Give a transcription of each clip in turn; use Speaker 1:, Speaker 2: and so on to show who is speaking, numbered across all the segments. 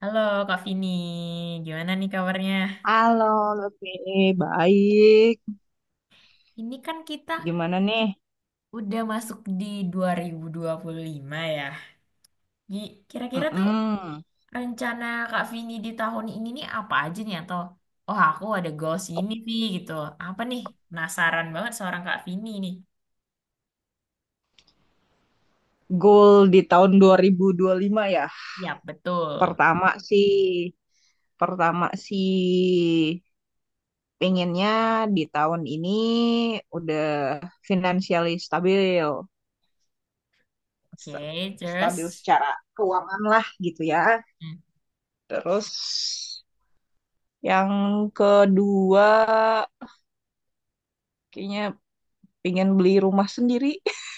Speaker 1: Halo Kak Vini, gimana nih kabarnya?
Speaker 2: Halo, Lutfi. Baik.
Speaker 1: Ini kan kita
Speaker 2: Gimana nih?
Speaker 1: udah masuk di dua dua ribu dua puluh lima ya. Kira-kira tuh
Speaker 2: Mm-mm.
Speaker 1: rencana Kak Vini di tahun ini nih apa aja nih, atau oh aku ada goals ini nih gitu. Apa nih? Penasaran banget seorang Kak Vini nih.
Speaker 2: Goal di tahun 2025 ya.
Speaker 1: Ya, betul.
Speaker 2: Pertama sih, pertama sih, pengennya di tahun ini udah financially stabil. Sta-
Speaker 1: Oke,
Speaker 2: Stabil
Speaker 1: terus.
Speaker 2: secara keuangan lah gitu ya.
Speaker 1: Hmm.
Speaker 2: Terus yang kedua kayaknya pengen beli rumah sendiri.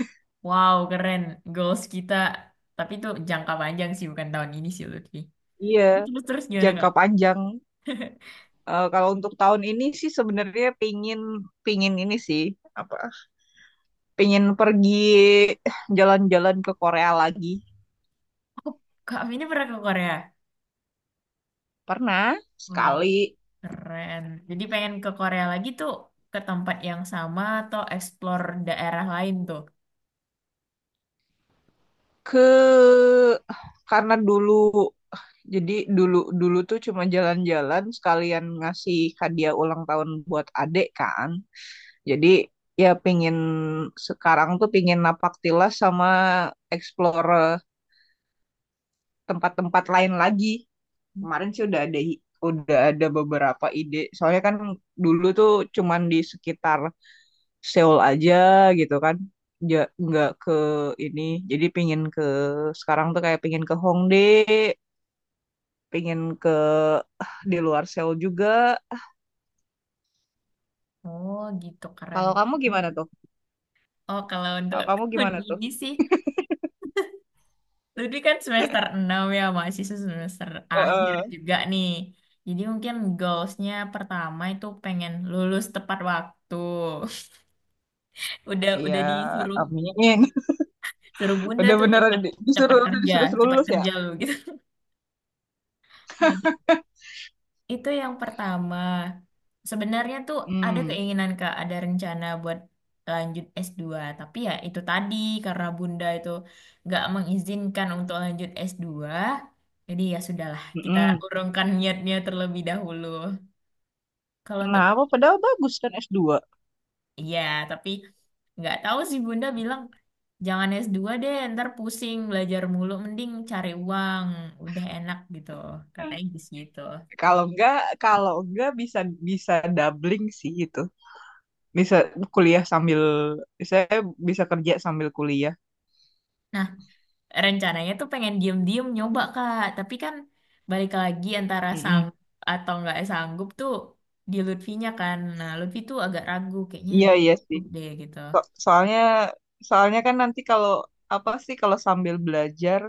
Speaker 1: Wow, keren goals kita. Tapi itu jangka panjang sih, bukan tahun ini sih Lutfi.
Speaker 2: Iya,
Speaker 1: Terus terus gimana
Speaker 2: jangka
Speaker 1: Kak?
Speaker 2: panjang. Eh, kalau untuk tahun ini sih sebenarnya pingin pingin ini sih apa pingin pergi jalan-jalan ke Korea lagi.
Speaker 1: Aku Kak Vini pernah ke Korea?
Speaker 2: Pernah
Speaker 1: Wow.
Speaker 2: sekali
Speaker 1: Keren. Jadi pengen ke Korea lagi tuh, ke tempat yang sama atau explore daerah lain tuh?
Speaker 2: ke karena dulu, jadi dulu dulu tuh cuma jalan-jalan sekalian ngasih hadiah ulang tahun buat adek kan. Jadi ya, sekarang tuh pingin napak tilas sama explore tempat-tempat lain lagi. Kemarin sih udah ada beberapa ide. Soalnya kan dulu tuh cuman di sekitar Seoul aja gitu kan. Ja, nggak ke ini. Jadi pingin ke sekarang tuh kayak pingin ke Hongdae, pingin ke di luar Seoul juga.
Speaker 1: Oh gitu, keren
Speaker 2: Kalau kamu
Speaker 1: banget ya.
Speaker 2: gimana tuh?
Speaker 1: Oh kalau untuk
Speaker 2: Kalau kamu
Speaker 1: tahun
Speaker 2: gimana tuh?
Speaker 1: ini sih, Lutfi kan semester 6 ya, mahasiswa semester akhir
Speaker 2: Heeh.
Speaker 1: juga nih. Jadi mungkin goalsnya pertama itu pengen lulus tepat waktu. Udah
Speaker 2: Iya,
Speaker 1: udah disuruh
Speaker 2: amin.
Speaker 1: suruh Bunda
Speaker 2: Udah
Speaker 1: tuh, cepat
Speaker 2: beneran di-
Speaker 1: cepat
Speaker 2: disuruh udah
Speaker 1: kerja,
Speaker 2: disuruh
Speaker 1: cepat
Speaker 2: lulus ya?
Speaker 1: kerja lu gitu. Jadi itu yang pertama. Sebenarnya tuh ada
Speaker 2: Hmm.
Speaker 1: keinginan Kak, ada rencana buat lanjut s dua. Tapi ya itu tadi, karena Bunda itu nggak mengizinkan untuk lanjut s dua, jadi ya sudahlah, kita
Speaker 2: Mm-mm.
Speaker 1: urungkan niatnya terlebih dahulu. Kalau untuk
Speaker 2: Kenapa? Padahal bagus kan s dua.
Speaker 1: ya, tapi nggak tahu sih Bunda bilang jangan s dua deh, ntar pusing belajar mulu, mending cari uang, udah enak gitu. Katanya gitu.
Speaker 2: Kalau enggak, kalau enggak, bisa bisa doubling sih itu. Bisa kuliah sambil Saya bisa kerja sambil kuliah.
Speaker 1: Nah, rencananya tuh pengen diem-diem nyoba Kak, tapi kan balik lagi antara
Speaker 2: Mm-mm.
Speaker 1: atau nggak sanggup tuh di Lutfinya kan. Nah, Lutfi tuh agak ragu kayaknya
Speaker 2: Iya
Speaker 1: nggak
Speaker 2: iya sih.
Speaker 1: sanggup deh gitu.
Speaker 2: So- soalnya soalnya kan nanti kalau apa sih kalau sambil belajar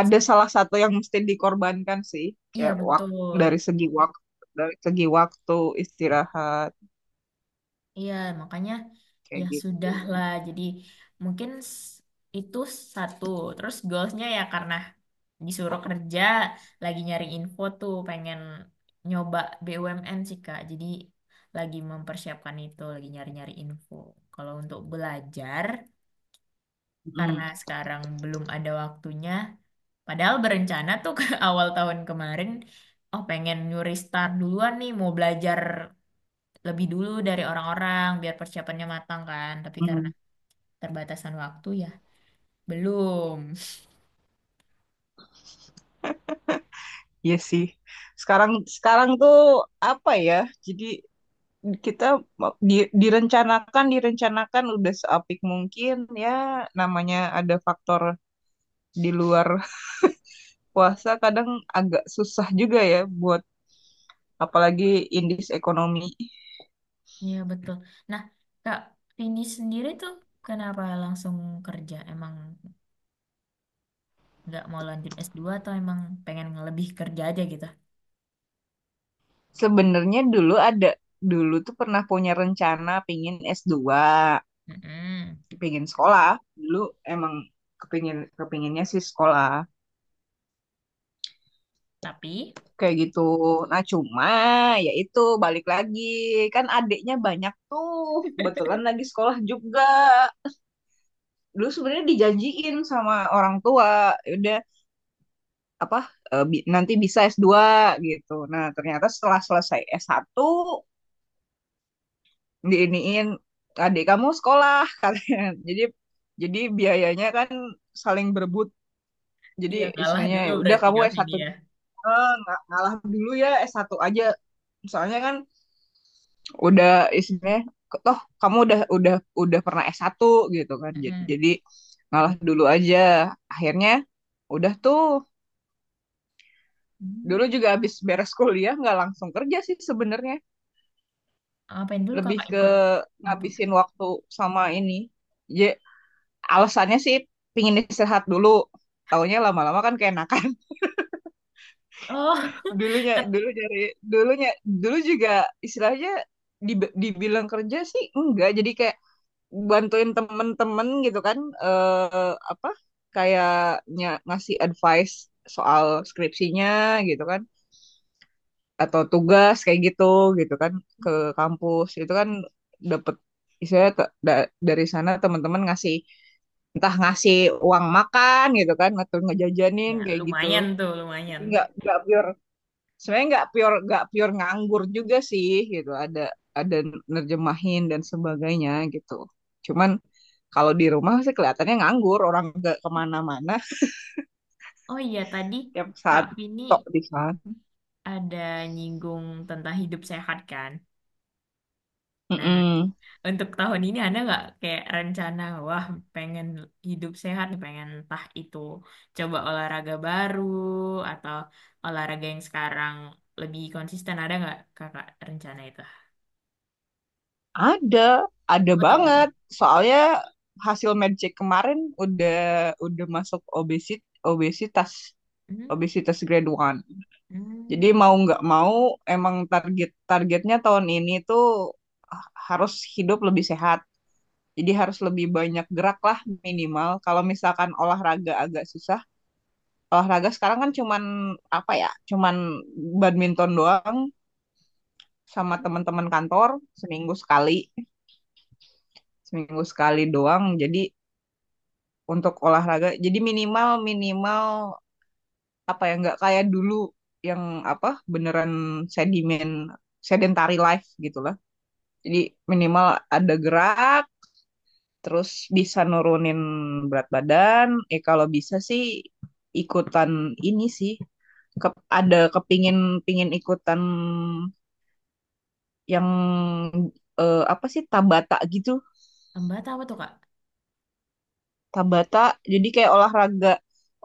Speaker 2: ada salah satu yang mesti dikorbankan sih,
Speaker 1: Iya
Speaker 2: kayak waktu
Speaker 1: betul.
Speaker 2: dari segi waktu dari segi waktu istirahat
Speaker 1: Iya, makanya ya
Speaker 2: kayak gitu.
Speaker 1: sudah lah. Jadi mungkin itu satu. Terus goalsnya ya karena disuruh kerja, lagi nyari info tuh, pengen nyoba BUMN sih Kak. Jadi lagi mempersiapkan itu, lagi nyari-nyari info. Kalau untuk belajar, karena
Speaker 2: Mm,
Speaker 1: sekarang belum ada waktunya, padahal berencana tuh ke awal tahun kemarin, oh pengen nyuri start duluan nih, mau belajar lebih dulu dari orang-orang biar persiapannya matang kan. Tapi karena
Speaker 2: mm.
Speaker 1: terbatasan waktu ya belum.
Speaker 2: Iya sih. Sekarang sekarang tuh apa ya? Jadi kita di- direncanakan direncanakan udah seapik mungkin ya, namanya ada faktor di luar puasa, kadang agak susah juga ya buat, apalagi indeks ekonomi.
Speaker 1: Ya betul. Nah, Kak Vini sendiri tuh kenapa langsung kerja? Emang nggak mau lanjut s dua, atau emang pengen lebih kerja aja gitu?
Speaker 2: Sebenarnya dulu tuh pernah punya rencana pingin s dua,
Speaker 1: Mm-mm.
Speaker 2: pingin sekolah. Dulu emang kepinginnya sih sekolah
Speaker 1: Tapi
Speaker 2: kayak gitu. Nah, cuma ya itu, balik lagi, kan adiknya banyak tuh, kebetulan lagi sekolah juga. Dulu sebenarnya dijanjiin sama orang tua, ya udah, apa nanti bisa s dua gitu, nah ternyata setelah selesai s satu diiniin, adik kamu sekolah katanya. jadi jadi biayanya kan saling berebut, jadi
Speaker 1: iya kalah
Speaker 2: istilahnya,
Speaker 1: dulu
Speaker 2: Ya udah
Speaker 1: berarti
Speaker 2: kamu
Speaker 1: Kak
Speaker 2: s
Speaker 1: Vini
Speaker 2: satu,
Speaker 1: ya.
Speaker 2: ngalah dulu ya, s satu aja, soalnya kan udah, istilahnya, toh kamu udah pernah s satu gitu kan, jadi
Speaker 1: Mm-mm.
Speaker 2: jadi ngalah dulu aja. Akhirnya udah tuh. Dulu
Speaker 1: Hmm.
Speaker 2: juga habis beres kuliah nggak langsung kerja sih sebenarnya.
Speaker 1: Apain dulu
Speaker 2: Lebih
Speaker 1: kakak,
Speaker 2: ke
Speaker 1: ikut apa?
Speaker 2: ngabisin waktu sama ini. Ya, alasannya sih pingin istirahat dulu. Taunya lama-lama kan keenakan.
Speaker 1: Oh,
Speaker 2: Dulunya,
Speaker 1: tet-
Speaker 2: dulu dari Dulunya, dulu juga istilahnya dibilang kerja sih enggak. Jadi kayak bantuin temen-temen gitu kan. Eh, apa? Kayaknya ngasih advice soal skripsinya gitu kan, atau tugas kayak gitu gitu kan, ke kampus itu kan, dapet istilahnya, dari sana teman-teman ngasih, entah ngasih uang makan gitu kan, atau ngejajanin
Speaker 1: ya
Speaker 2: kayak gitu.
Speaker 1: lumayan tuh,
Speaker 2: Jadi
Speaker 1: lumayan.
Speaker 2: nggak pure, sebenarnya nggak pure nganggur juga sih gitu, ada nerjemahin dan sebagainya gitu, cuman kalau di rumah sih kelihatannya nganggur, orang nggak kemana-mana,
Speaker 1: Oh iya tadi
Speaker 2: tiap
Speaker 1: Kak
Speaker 2: saat
Speaker 1: Vini
Speaker 2: tok di sana.
Speaker 1: ada nyinggung tentang hidup sehat kan. Nah,
Speaker 2: Mm-mm.
Speaker 1: untuk tahun ini ada nggak kayak rencana, wah pengen hidup sehat nih, pengen entah itu coba olahraga baru atau olahraga yang sekarang lebih konsisten, ada nggak kakak rencana itu?
Speaker 2: Ada
Speaker 1: Apa tuh, apa tuh?
Speaker 2: banget. Soalnya hasil medcheck kemarin udah masuk obesitas
Speaker 1: Hmm,
Speaker 2: obesitas grade 1. Jadi
Speaker 1: hmm,
Speaker 2: mau nggak mau emang targetnya tahun ini tuh harus hidup lebih sehat. Jadi harus lebih banyak gerak lah, minimal. Kalau misalkan olahraga agak susah, olahraga sekarang kan cuman apa ya? Cuman badminton doang sama
Speaker 1: apa?
Speaker 2: teman-teman kantor seminggu sekali, seminggu sekali doang. Jadi untuk olahraga. Jadi minimal minimal apa ya, nggak kayak dulu yang apa, beneran sedimen sedentary life gitulah. Jadi minimal ada gerak, terus bisa nurunin berat badan. Eh kalau bisa sih ikutan ini sih. Ke- ada pingin ikutan yang apa sih, Tabata gitu.
Speaker 1: Hambatan apa tuh Kak?
Speaker 2: Tabata, jadi kayak olahraga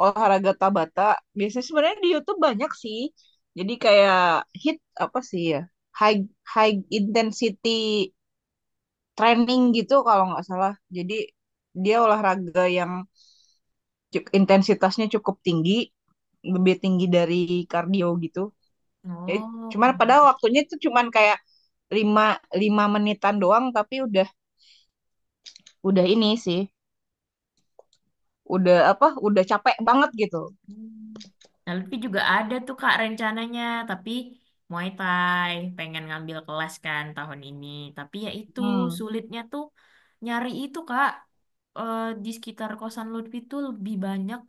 Speaker 2: olahraga Tabata, biasanya sebenarnya di YouTube banyak sih, jadi kayak hit apa sih ya, high high intensity training gitu kalau nggak salah. Jadi dia olahraga yang intensitasnya cukup tinggi, lebih tinggi dari kardio gitu. Jadi,
Speaker 1: Oh,
Speaker 2: cuman padahal waktunya itu cuman kayak lima lima menitan doang tapi udah ini sih, udah apa, udah capek banget gitu.
Speaker 1: hmm. Nah, Lutfi juga ada tuh Kak rencananya, tapi Muay Thai, pengen ngambil kelas kan tahun ini. Tapi ya itu,
Speaker 2: Hmm.
Speaker 1: sulitnya tuh nyari itu Kak. Eh, di sekitar kosan Lutfi tuh lebih banyak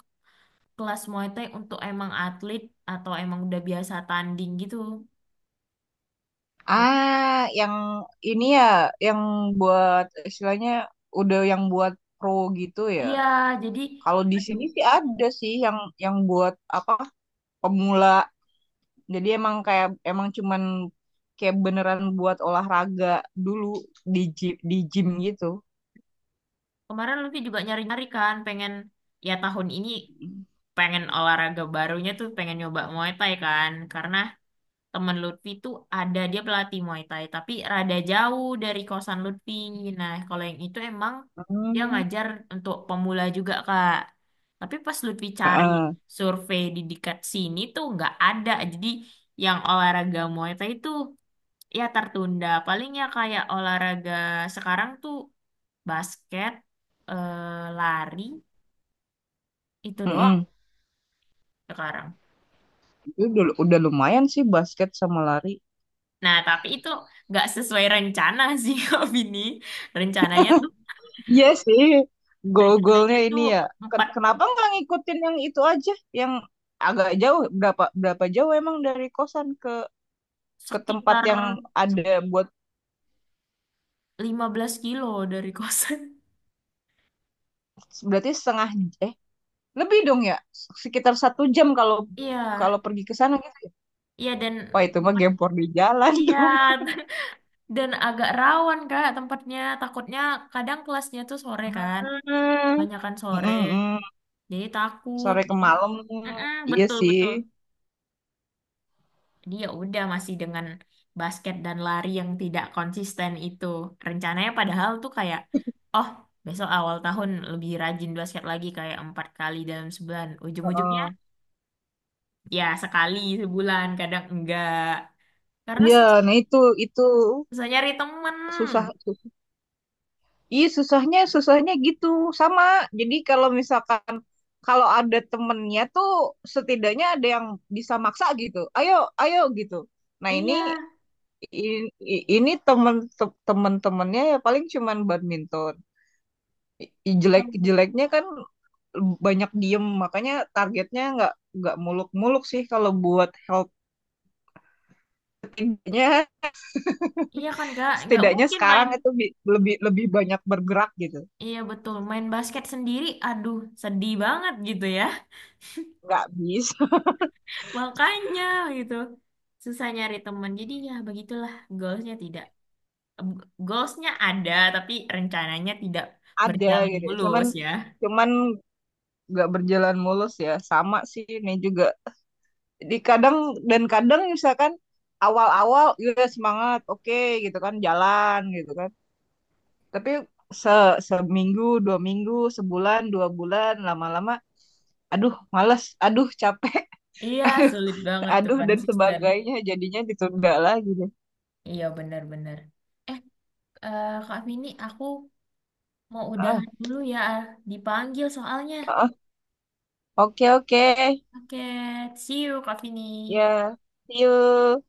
Speaker 1: kelas Muay Thai untuk emang atlet atau emang udah biasa tanding gitu. Jadi
Speaker 2: Ah, yang ini ya, yang buat istilahnya udah yang buat pro gitu ya.
Speaker 1: iya, jadi
Speaker 2: Kalau di
Speaker 1: aduh,
Speaker 2: sini sih ada sih yang buat apa, pemula. Jadi emang kayak, emang cuman kayak beneran buat olahraga dulu, di gym gitu.
Speaker 1: kemarin Lutfi juga nyari-nyari kan, pengen ya tahun ini pengen olahraga barunya tuh pengen nyoba Muay Thai kan, karena temen Lutfi tuh ada dia pelatih Muay Thai, tapi rada jauh dari kosan Lutfi. Nah kalau yang itu emang dia
Speaker 2: Hmm.
Speaker 1: ngajar untuk pemula juga Kak, tapi pas Lutfi cari
Speaker 2: Heeh.
Speaker 1: survei di dekat sini tuh nggak ada. Jadi yang olahraga Muay Thai itu ya tertunda. Palingnya kayak olahraga sekarang tuh basket, eh, lari, itu doang
Speaker 2: Mm-mm.
Speaker 1: sekarang.
Speaker 2: Itu udah lumayan sih basket sama lari.
Speaker 1: Nah tapi itu nggak sesuai rencana sih. Kak Vini, rencananya tuh
Speaker 2: Iya sih, gol
Speaker 1: Rencananya
Speaker 2: ini
Speaker 1: tuh
Speaker 2: ya.
Speaker 1: empat
Speaker 2: Kenapa nggak ngikutin yang itu aja, yang agak jauh? Berapa berapa jauh emang dari kosan ke tempat
Speaker 1: sekitar
Speaker 2: yang ada buat,
Speaker 1: 15 km dari kosan.
Speaker 2: berarti setengah, eh lebih dong ya, sekitar 1 jam kalau
Speaker 1: Iya,
Speaker 2: kalau pergi ke sana gitu.
Speaker 1: iya, dan
Speaker 2: Wah itu mah
Speaker 1: tempat,
Speaker 2: gempor di jalan
Speaker 1: iya
Speaker 2: dong.
Speaker 1: dan agak rawan Kak tempatnya. Takutnya kadang kelasnya tuh sore kan,
Speaker 2: Hmm.
Speaker 1: banyakan sore.
Speaker 2: Mm-mm-mm.
Speaker 1: Jadi takut.
Speaker 2: Sore ke
Speaker 1: Jadi
Speaker 2: malam,
Speaker 1: mm-mm,
Speaker 2: iya
Speaker 1: betul
Speaker 2: sih.
Speaker 1: betul. Jadi ya udah masih dengan basket dan lari yang tidak konsisten itu. Rencananya padahal tuh kayak oh, besok awal tahun lebih rajin basket lagi kayak 4 kali dalam sebulan. Ujung-ujungnya
Speaker 2: Heeh.
Speaker 1: ya, sekali sebulan, kadang enggak. Karena
Speaker 2: Iya,
Speaker 1: susah,
Speaker 2: nah itu
Speaker 1: susah nyari temen.
Speaker 2: susah. Iya, susahnya susahnya gitu, sama. Jadi kalau misalkan, ada temennya tuh setidaknya ada yang bisa maksa gitu. Ayo ayo gitu. Nah ini,
Speaker 1: Iya,
Speaker 2: i- ini temen-temennya ya paling cuman badminton.
Speaker 1: kalau
Speaker 2: Jelek-jeleknya kan banyak diem makanya targetnya nggak muluk-muluk sih kalau buat helpingnya
Speaker 1: iya kan Kak, nggak
Speaker 2: setidaknya
Speaker 1: mungkin main.
Speaker 2: sekarang itu lebih lebih banyak bergerak gitu
Speaker 1: Iya betul, main basket sendiri aduh, sedih banget gitu ya.
Speaker 2: nggak bisa.
Speaker 1: Makanya gitu, susah nyari temen. Jadi ya begitulah, goalsnya tidak, goalsnya ada, tapi rencananya tidak
Speaker 2: Ada
Speaker 1: berjalan
Speaker 2: gitu, cuman
Speaker 1: mulus ya.
Speaker 2: cuman nggak berjalan mulus ya, sama sih ini juga, kadang, dan kadang misalkan awal-awal ya semangat, oke gitu kan, jalan gitu kan, tapi se seminggu, 2 minggu, sebulan, 2 bulan, lama-lama aduh males, aduh capek,
Speaker 1: Iya, sulit banget tuh
Speaker 2: aduh, dan
Speaker 1: konsisten.
Speaker 2: sebagainya, jadinya ditunda lagi deh.
Speaker 1: Iya benar-benar. Eh, eh, Kak Vini, aku mau
Speaker 2: Ah,
Speaker 1: udahan dulu ya, ah. Dipanggil soalnya.
Speaker 2: ah, oke, oke,
Speaker 1: Oke, see you Kak Vini.
Speaker 2: ya, see you.